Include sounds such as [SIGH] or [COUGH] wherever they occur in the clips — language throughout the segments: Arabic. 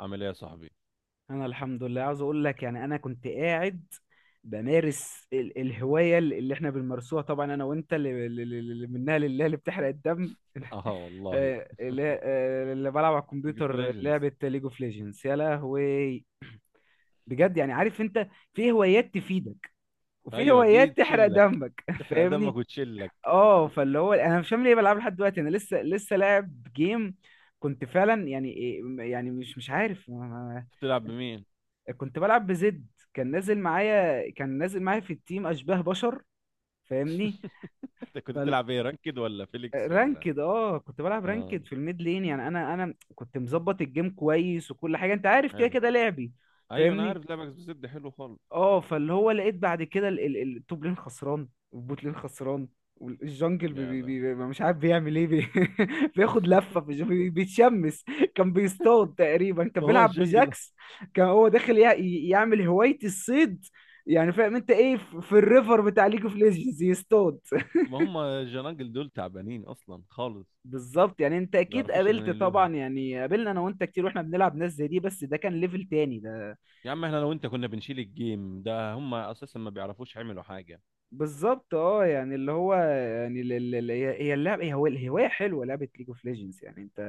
عامل ايه يا صاحبي؟ انا الحمد لله، عاوز اقول لك، يعني انا كنت قاعد بمارس الهوايه اللي احنا بنمارسوها، طبعا انا وانت، اللي منها لله، اللي بتحرق الدم. [LAUGHS] اه والله. اللي بلعب على ليج اوف الكمبيوتر ليجندز. لعبه ليج اوف ليجندز، يا لهوي. بجد، يعني عارف انت، في هوايات تفيدك وفي ايوه، دي هوايات تحرق تشيلك. دمك، [LAUGHS] تحرق دمك فاهمني. وتشيلك. اه، فاللي هو انا مش فاهم ليه بلعب لحد دلوقتي، انا لسه لاعب جيم. كنت فعلا يعني يعني مش عارف. بتلعب بمين؟ كنت بلعب بزد، كان نازل معايا في التيم اشباه بشر، فاهمني. [LAUGHS] انت كنت فال بتلعب ايه، رانكد ولا فيليكس ولا؟ رانكد، اه كنت بلعب اه، رانكد في الميد لين، يعني انا كنت مظبط الجيم كويس وكل حاجه، انت عارف كده حلو. كده لعبي، ايوه، انا فاهمني. عارف لعبك بزد حلو خالص. اه، فاللي هو لقيت بعد كده التوب لين خسران، والبوت لين خسران، والجنجل يا ده. مش عارف بيعمل ايه بي. [LAUGHS] بياخد لفه في بيتشمس، كان بيصطاد تقريبا، كان ما هو بيلعب الجنجل؟ بجاكس، كان هو داخل يعمل هوايه الصيد، يعني فاهم انت ايه، في الريفر بتاع ليج اوف ليجندز يصطاد. [LAUGHS] ما هم الجنانجل دول تعبانين اصلا خالص. بالظبط، يعني انت ما اكيد بيعرفوش قابلت، ينيلوها. طبعا يعني قابلنا انا وانت كتير واحنا بنلعب ناس زي دي، بس ده كان ليفل تاني ده. يا عم، احنا لو انت كنا بنشيل الجيم ده هم اساسا ما بيعرفوش يعملوا حاجه. بالظبط، اه يعني اللي هو يعني هي اللعبه، هي هو الهوايه حلوه، لعبه ليج اوف ليجندز يعني انت،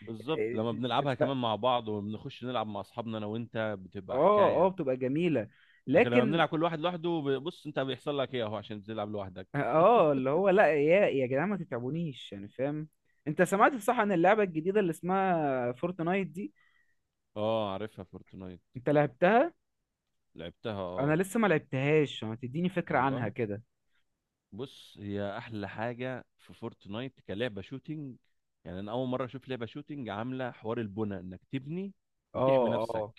بالظبط، لما بنلعبها بتحبها. كمان مع بعض وبنخش نلعب مع اصحابنا انا وانت بتبقى اه، اه، حكايه. بتبقى جميله. لكن لما لكن. بنلعب كل واحد لوحده، بص انت بيحصل لك ايه اهو عشان بتلعب لوحدك. اه، اللي هو لا، يا جدعان ما تتعبونيش يعني، فاهم. انت سمعت صح عن اللعبه الجديده اللي اسمها فورتنايت دي؟ اه، عارفها فورتنايت. انت لعبتها؟ لعبتها انا اه. لسه ما لعبتهاش، ما تديني فكره عنها والله. كده. بص، هي احلى حاجه في فورتنايت كلعبه شوتينج. يعني انا اول مره اشوف لعبه شوتينج عامله حوار البنى انك تبني وتحمي اه، نفسك. اه،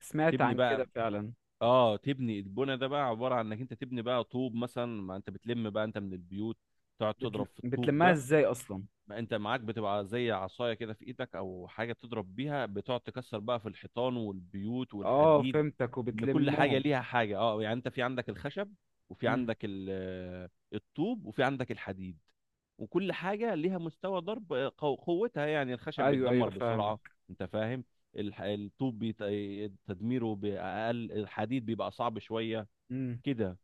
سمعت تبني عن كده بقى. فعلا. اه، تبني البنى ده بقى عباره عن انك انت تبني بقى طوب مثلا ما انت بتلم بقى انت من البيوت. تقعد تضرب في الطوب بتلمها ده. ازاي اصلا؟ ما انت معاك بتبقى زي عصايه كده في ايدك او حاجه بتضرب بيها بتقعد تكسر بقى في الحيطان والبيوت اه والحديد. فهمتك، ان كل حاجه وبتلمهم. ليها حاجه، اه يعني انت في عندك الخشب وفي امم. عندك الطوب وفي عندك الحديد. وكل حاجه ليها مستوى ضرب قوتها، يعني الخشب ايوه، بيتدمر ايوه، بسرعه. فاهمك. انت فاهم. الطوب تدميره باقل، الحديد بيبقى صعب شويه. امم. كده.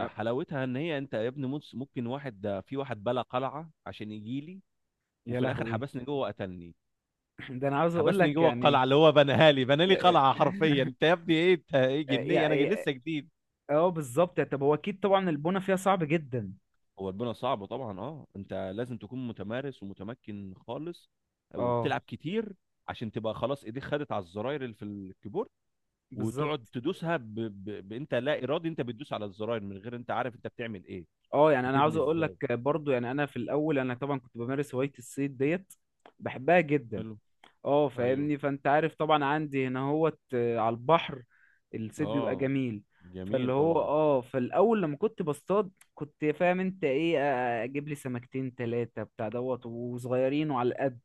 أ- ان هي انت يا ابني ممكن واحد ده في واحد بلا قلعه عشان يجيلي، يا وفي الاخر لهوي. حبسني جوه وقتلني. [CLEARS THROAT] [LAUGHS] ده انا عاوز اقول حبسني لك جوه يعني. القلعه اللي هو بناها لي، بنى [LAUGHS] لي قلعه حرفيا، يا- انت يا ابني ايه؟ انت ايه جنيه؟ انا يا- لسه جديد. اه بالظبط، طب هو اكيد طبعا البونه فيها صعب جدا. هو البناء صعب طبعا، اه انت لازم تكون متمارس ومتمكن خالص اه وبتلعب كتير. عشان تبقى خلاص ايديك خدت على الزراير اللي في الكيبورد وتقعد بالظبط. تدوسها انت لا ارادي، انت بتدوس على الزراير من غير انت عارف انت بتعمل ايه. اه، يعني انا عاوز بتبني اقول لك ازاي؟ برضو، يعني انا في الاول انا طبعا كنت بمارس هوايه الصيد ديت، بحبها جدا. حلو. اه، ايوه. فاهمني، فانت عارف طبعا عندي هنا هوت على البحر، الصيد بيبقى اه، جميل. جميل فاللي هو طبعا. اه، فالاول لما كنت بصطاد كنت فاهم انت ايه، اجيب لي سمكتين تلاتة بتاع دوت وصغيرين وعلى القد.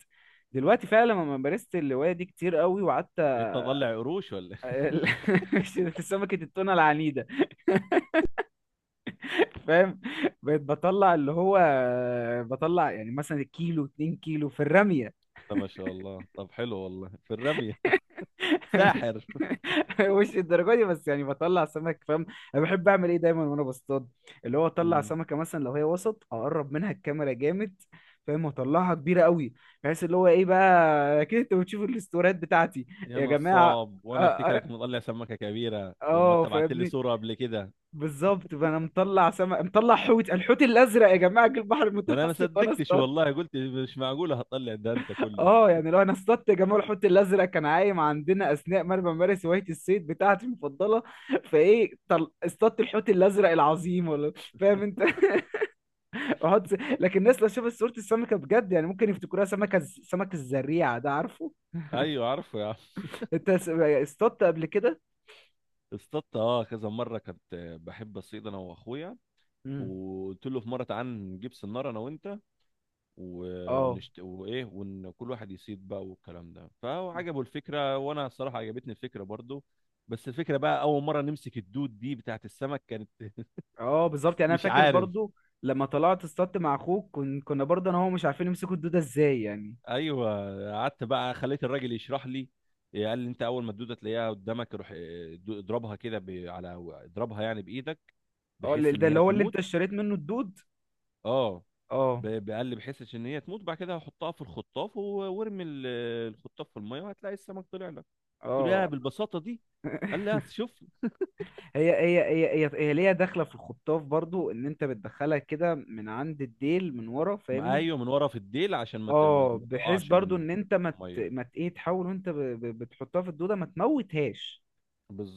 دلوقتي فعلا لما مارست الهواية دي كتير قوي وقعدت بقيت تطلع قروش ولا إيه؟ [LAUGHS] سمكة التونة العنيدة، فاهم. بقيت بطلع اللي هو بطلع يعني مثلا الكيلو 2 كيلو في الرمية. [LAUGHS] طب ما شاء الله، طب حلو والله في الرمي. [LAUGHS] ساحر. مش الدرجه دي بس، يعني بطلع سمك، فاهم. انا بحب اعمل ايه دايما وانا بصطاد؟ اللي هو اطلع مم. سمكه مثلا لو هي وسط، اقرب منها الكاميرا جامد، فاهم، واطلعها كبيره قوي. بحيث اللي هو ايه بقى، اكيد انتوا بتشوفوا الاستوريات بتاعتي، يا يا جماعه. نصاب، اه وانا افتكرك آه، مطلع سمكه كبيره لما انت بعت لي فاهمني، صوره قبل كده. بالظبط. فانا مطلع سمك، مطلع حوت، الحوت الازرق يا جماعه جه البحر فانا ما المتوسط وانا صدقتش اصطاد. والله، قلت مش معقوله هتطلع ده انت كله. اه، يعني لو انا اصطدت يا جماعه الحوت الازرق كان عايم عندنا اثناء ما انا بمارس هوايه الصيد بتاعتي المفضله، فايه، اصطدت الحوت الازرق العظيم ولا، فاهم انت؟ [LAUGHS] احط. لكن الناس لو شافت صوره السمكه بجد، يعني ممكن يفتكروها سمكه سمك الزريعه ده، عارفه. ايوه، عارفه يا عم. انت اصطدت قبل كده؟ [LAUGHS] اصطدت اه كذا مره كنت بحب اصيد انا واخويا. مم. وقلت له في مره تعال نجيب سناره انا وانت و... اه، وايه، وان كل واحد يصيد بقى والكلام ده، فهو عجبه الفكره وانا الصراحه عجبتني الفكره برضو. بس الفكره بقى، اول مره نمسك الدود دي بتاعت السمك كانت [LAUGHS] اه، بالظبط. يعني انا مش فاكر عارف. برضو لما طلعت اصطدت مع اخوك، كنا برضو انا وهو مش عارفين يمسكوا الدوده ازاي يعني. ايوه، قعدت بقى خليت الراجل يشرح لي. قال لي انت اول ما الدوده تلاقيها قدامك روح اضربها كده على، اضربها يعني بايدك، اه، بحيث ان ده اللي هي هو اللي انت تموت. اشتريت منه الدود. اه اه. قال لي بحيث ان هي تموت، بعد كده هحطها في الخطاف وارمي الخطاف في الميه وهتلاقي السمك طلع لك. قلت له يا اه. بالبساطه دي؟ قال لي شوف. هي ليها داخله في الخطاف، برضو ان انت بتدخلها كده من عند الديل من ورا، فاهمني. ايوه، من ورا في الديل عشان اه، ما بحيث تقعش برضو منك ان انت في ما مت... الميه. ما مت... ايه تحاول وانت بتحطها في الدوده ما تموتهاش.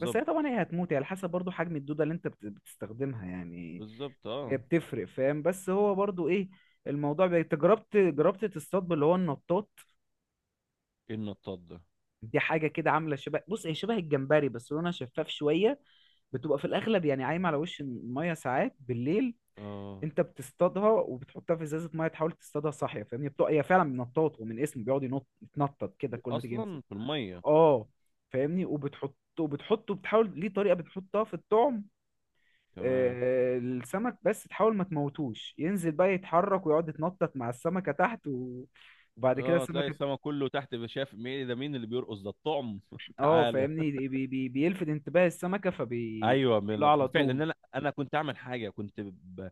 بس هي طبعا هي هتموت، هي على حسب برضو حجم الدوده اللي انت بتستخدمها يعني، بالظبط هي اه. بتفرق، فاهم. بس هو برضو ايه، الموضوع انت جربت تصطاد باللي هو النطاط؟ ايه النطاط ده؟ دي حاجه كده عامله شبه، بص هي شبه الجمبري بس لونها شفاف شويه، بتبقى في الاغلب يعني عايمه على وش الميه ساعات بالليل. اه، انت بتصطادها وبتحطها في ازازه ميه، تحاول تصطادها صاحيه، فاهمني، هي فعلا بنطاط، ومن اسمه بيقعد ينط يتنطط كده كل ما تيجي يمسك. اصلا في الميه. اه، فاهمني، وبتحطه، بتحاول ليه طريقه، بتحطها في الطعم، تمام. السمك، بس تحاول ما تموتوش، ينزل بقى يتحرك ويقعد يتنطط مع السمكه تحت، وبعد كده اه، تلاقي السمكه، السما كله تحت شايف مين ده، مين اللي بيرقص ده الطعم؟ [LAUGHS] اه تعالى. فاهمني، بيلفت انتباه السمكه، ايوه، فبيروح لها على بالفعل طول. ان انا كنت اعمل حاجه، كنت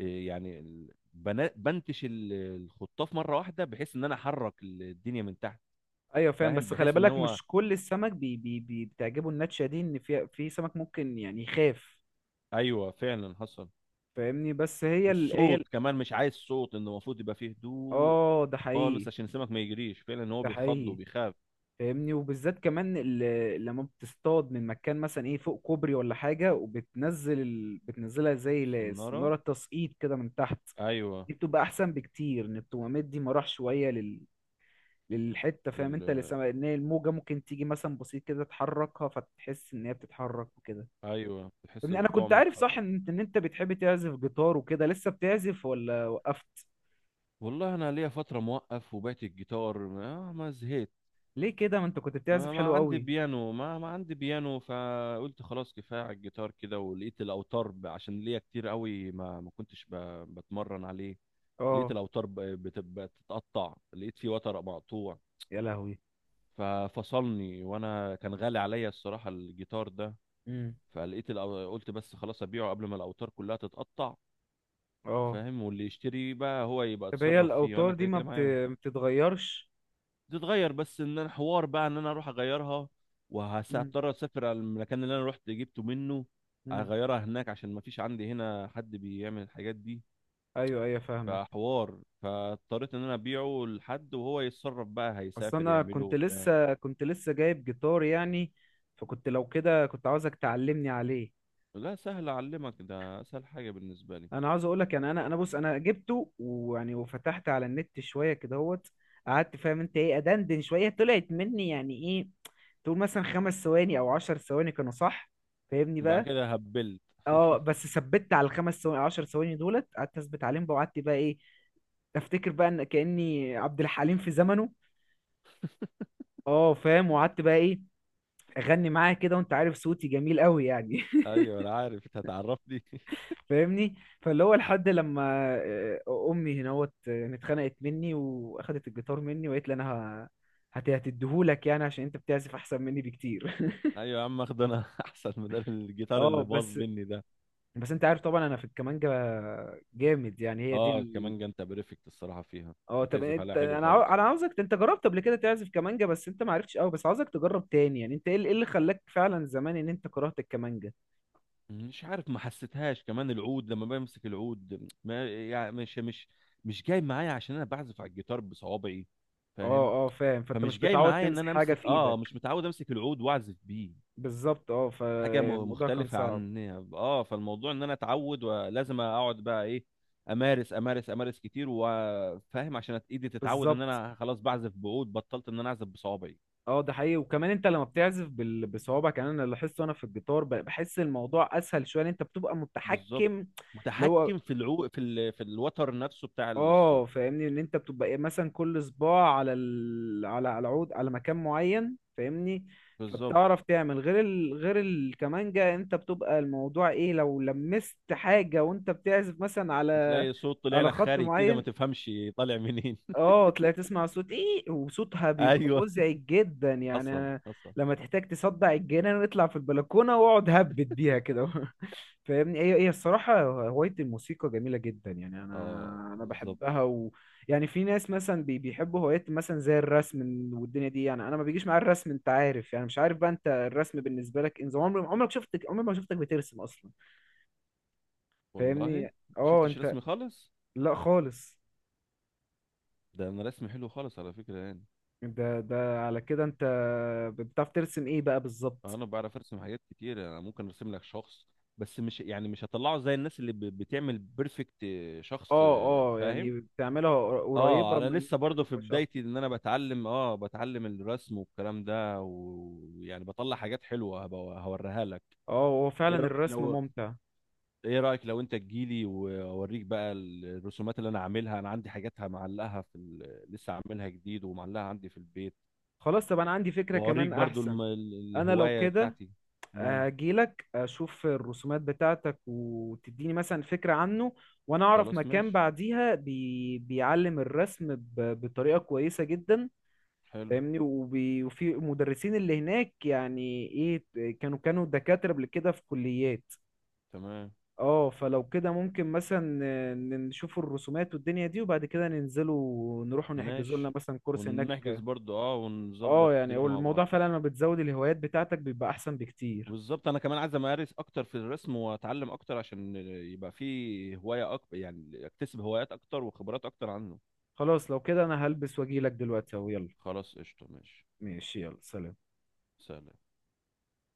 إيه يعني بنتش الخطاف مره واحده بحيث ان انا احرك الدنيا من تحت. ايوه فاهم، فاهم بس خلي بحيث ان بالك هو مش كل السمك بي بي بي بتعجبه النتشه دي، ان في سمك ممكن يعني يخاف. ايوه فعلا حصل. فاهمني، بس هي ال هي ال والصوت كمان مش عايز صوت، انه المفروض يبقى فيه هدوء اه، ده خالص حقيقي. عشان السمك ما يجريش، فعلا ان هو ده بيخض حقيقي، وبيخاف. فاهمني. وبالذات كمان لما بتصطاد من مكان مثلا ايه فوق كوبري ولا حاجة، وبتنزل بتنزلها زي السناره. السنارة التسقيط كده من تحت، ايوه. دي بتبقى احسن بكتير، ان التومات دي مراح شوية للحتة، فاهم انت اللي لل... ان هي الموجة ممكن تيجي مثلا بسيط كده تحركها، فتحس ان هي بتتحرك وكده، ايوه، تحس فاهمني. انا كنت بالطعم عارف صح اتحرك. ان انت إنت بتحب تعزف جيتار وكده، لسه بتعزف ولا وقفت؟ والله انا ليا فتره موقف وبعت الجيتار، ما زهقت. ليه كده، ما انت كنت بتعزف ما حلو عندي قوي. بيانو، ما عندي بيانو، فقلت خلاص كفايه على الجيتار كده، ولقيت الاوتار عشان ليا كتير قوي ما كنتش بتمرن عليه. لقيت اه، الاوتار بتتقطع، لقيت فيه وتر مقطوع يا لهوي. ففصلني، وانا كان غالي عليا الصراحه الجيتار ده. امم. قلت بس خلاص ابيعه قبل ما الاوتار كلها تتقطع. اه فاهم، واللي يشتري بقى هو يبقى طب هي اتصرف فيه وانا الاوتار دي كده كده معايا. ما بتتغيرش؟ تتغير بس ان انا حوار بقى ان انا اروح اغيرها، امم. وهضطر اسافر على المكان اللي انا رحت جبته منه. امم. اغيرها هناك عشان ما فيش عندي هنا حد بيعمل الحاجات دي. ايوه، ايوه، فاهمك. فحوار، فاضطريت ان انا ابيعه لحد وهو يتصرف بقى اصل هيسافر انا يعمله كنت وبتاع. لسه، جايب جيتار يعني، فكنت لو كده كنت عاوزك تعلمني عليه. لا، سهل اعلمك ده، اسهل حاجه بالنسبه لي. انا عاوز اقولك يعني، انا بص، انا جبته ويعني، وفتحت على النت شويه كده اهوت، قعدت فاهم انت ايه ادندن شويه، طلعت مني يعني ايه، تقول مثلا 5 ثواني او 10 ثواني كانوا صح، فاهمني وبعد بقى. كده هبلت. اه، بس ثبت على الخمس ثواني 10 ثواني دولت، قعدت اثبت عليهم بقى، وقعدت بقى ايه، افتكر بقى ان كاني عبد الحليم في زمنه. اه، فاهم، وقعدت بقى ايه، اغني معاه كده، وانت عارف صوتي جميل قوي يعني. [LAUGHS] ايوه انا عارف، انت هتعرفني. [LAUGHS] فاهمني، فاللي هو لحد لما امي هناوت اتخنقت مني واخدت الجيتار مني، وقالت لي انا هتديهولك، يعني عشان انت بتعزف احسن مني بكتير. ايوه يا عم، اخد انا. [LAUGHS] احسن مدار [LAUGHS] الجيتار اه اللي باظ بس مني ده. بس انت عارف طبعا انا في الكمانجة جامد، يعني هي دي. اه، كمان جنت بريفكت الصراحه فيها، اه، طب بتعزف انت، عليها حلو خالص. انا عاوزك، انت جربت قبل كده تعزف كمانجا بس انت ما عرفتش قوي، بس عاوزك تجرب تاني، يعني انت ايه اللي خلاك فعلا زمان ان انت كرهت الكمانجا؟ مش عارف، ما حسيتهاش كمان العود، لما بمسك العود ما، يعني مش جاي معايا عشان انا بعزف على الجيتار بصوابعي. فاهم. اه، اه، فاهم، فانت فمش مش جاي متعود معايا ان تمسك انا حاجه امسك، في ايدك. مش متعود امسك العود واعزف بيه. بالظبط، اه، حاجه فالموضوع كان مختلفه صعب. عن. اه، فالموضوع ان انا اتعود ولازم اقعد بقى ايه، امارس امارس امارس كتير وفاهم عشان ايدي تتعود ان بالظبط، انا خلاص بعزف بعود بطلت ان انا اعزف بصوابعي. اه، ده حقيقي. وكمان انت لما بتعزف بصوابعك، يعني انا لاحظت وانا في الجيتار، بحس الموضوع اسهل شويه، لأن انت بتبقى بالظبط. متحكم. اللي هو متحكم في العو في ال... في الوتر نفسه بتاع اه، الصوت. فاهمني، ان انت بتبقى ايه، مثلا كل صباع على على عود، على مكان معين، فاهمني، بالظبط. فبتعرف تعمل غير غير الكمانجة، انت بتبقى الموضوع ايه، لو لمست حاجة وانت بتعزف مثلا على، وتلاقي صوت طلع على لك خط خارج كده ما معين، تفهمش طالع منين؟ اه تلاقي، تسمع صوت ايه، وصوتها [LAUGHS] بيبقى ايوه مزعج جدا يعني حصل أنا. حصل. لما تحتاج تصدع الجنان اطلع في البلكونه واقعد هبت بيها كده. [LAUGHS] فاهمني، هي الصراحه هوايه الموسيقى جميله جدا، يعني انا اه بالظبط. بحبها. و يعني في ناس مثلا بيحبوا هوايات مثلا زي الرسم والدنيا دي، يعني انا ما بيجيش معايا الرسم، انت عارف يعني، مش عارف بقى انت الرسم بالنسبه لك، انت عمري ما شفتك بترسم اصلا، والله فاهمني. اه شفتش انت. رسمي خالص. لا خالص. ده انا رسمي حلو خالص على فكره يعني. ده على كده انت بتعرف ترسم ايه بقى بالظبط؟ انا بعرف ارسم حاجات كتير، انا ممكن ارسم لك شخص، بس مش يعني مش هطلعه زي الناس اللي بتعمل بيرفكت شخص، اه، اه، فاهم. يعني بتعملها اه، قريبة انا من لسه برضه كانوا في شخص. بدايتي ان انا بتعلم، بتعلم الرسم والكلام ده ويعني بطلع حاجات حلوه هوريها لك. اه، هو ايه فعلا رايك الرسم لو... ممتع. ايه رأيك لو انت تجيلي واوريك بقى الرسومات اللي انا عاملها؟ انا عندي حاجاتها معلقها لسه عاملها جديد ومعلقها عندي في البيت، خلاص، طب انا عندي فكرة واوريك كمان برضو احسن، انا لو الهواية كده بتاعتي. امم. هجيلك اشوف الرسومات بتاعتك، وتديني مثلا فكرة عنه، وانا اعرف خلاص مكان ماشي. بعديها بيعلم الرسم بطريقة كويسة جدا، حلو. فاهمني، وفي مدرسين اللي هناك يعني، ايه، كانوا دكاترة قبل كده في كليات. تمام. اه، فلو كده ممكن مثلا نشوف الرسومات والدنيا دي، وبعد كده ننزلوا ونروحوا نحجزوا لنا ماشي، مثلا كورس ونحجز هناك. برضو اه، ونظبط يعني هو الدنيا مع الموضوع بعض. فعلا لما بتزود الهوايات بتاعتك بيبقى احسن بكتير. بالظبط، انا كمان عايز امارس اكتر في الرسم واتعلم اكتر عشان يبقى في هواية اكتر، يعني اكتسب هوايات اكتر وخبرات اكتر عنه. خلاص لو كده انا هلبس واجيلك دلوقتي اهو، يلا. خلاص، قشطة ماشي. ماشي، يلا، سلام. سلام.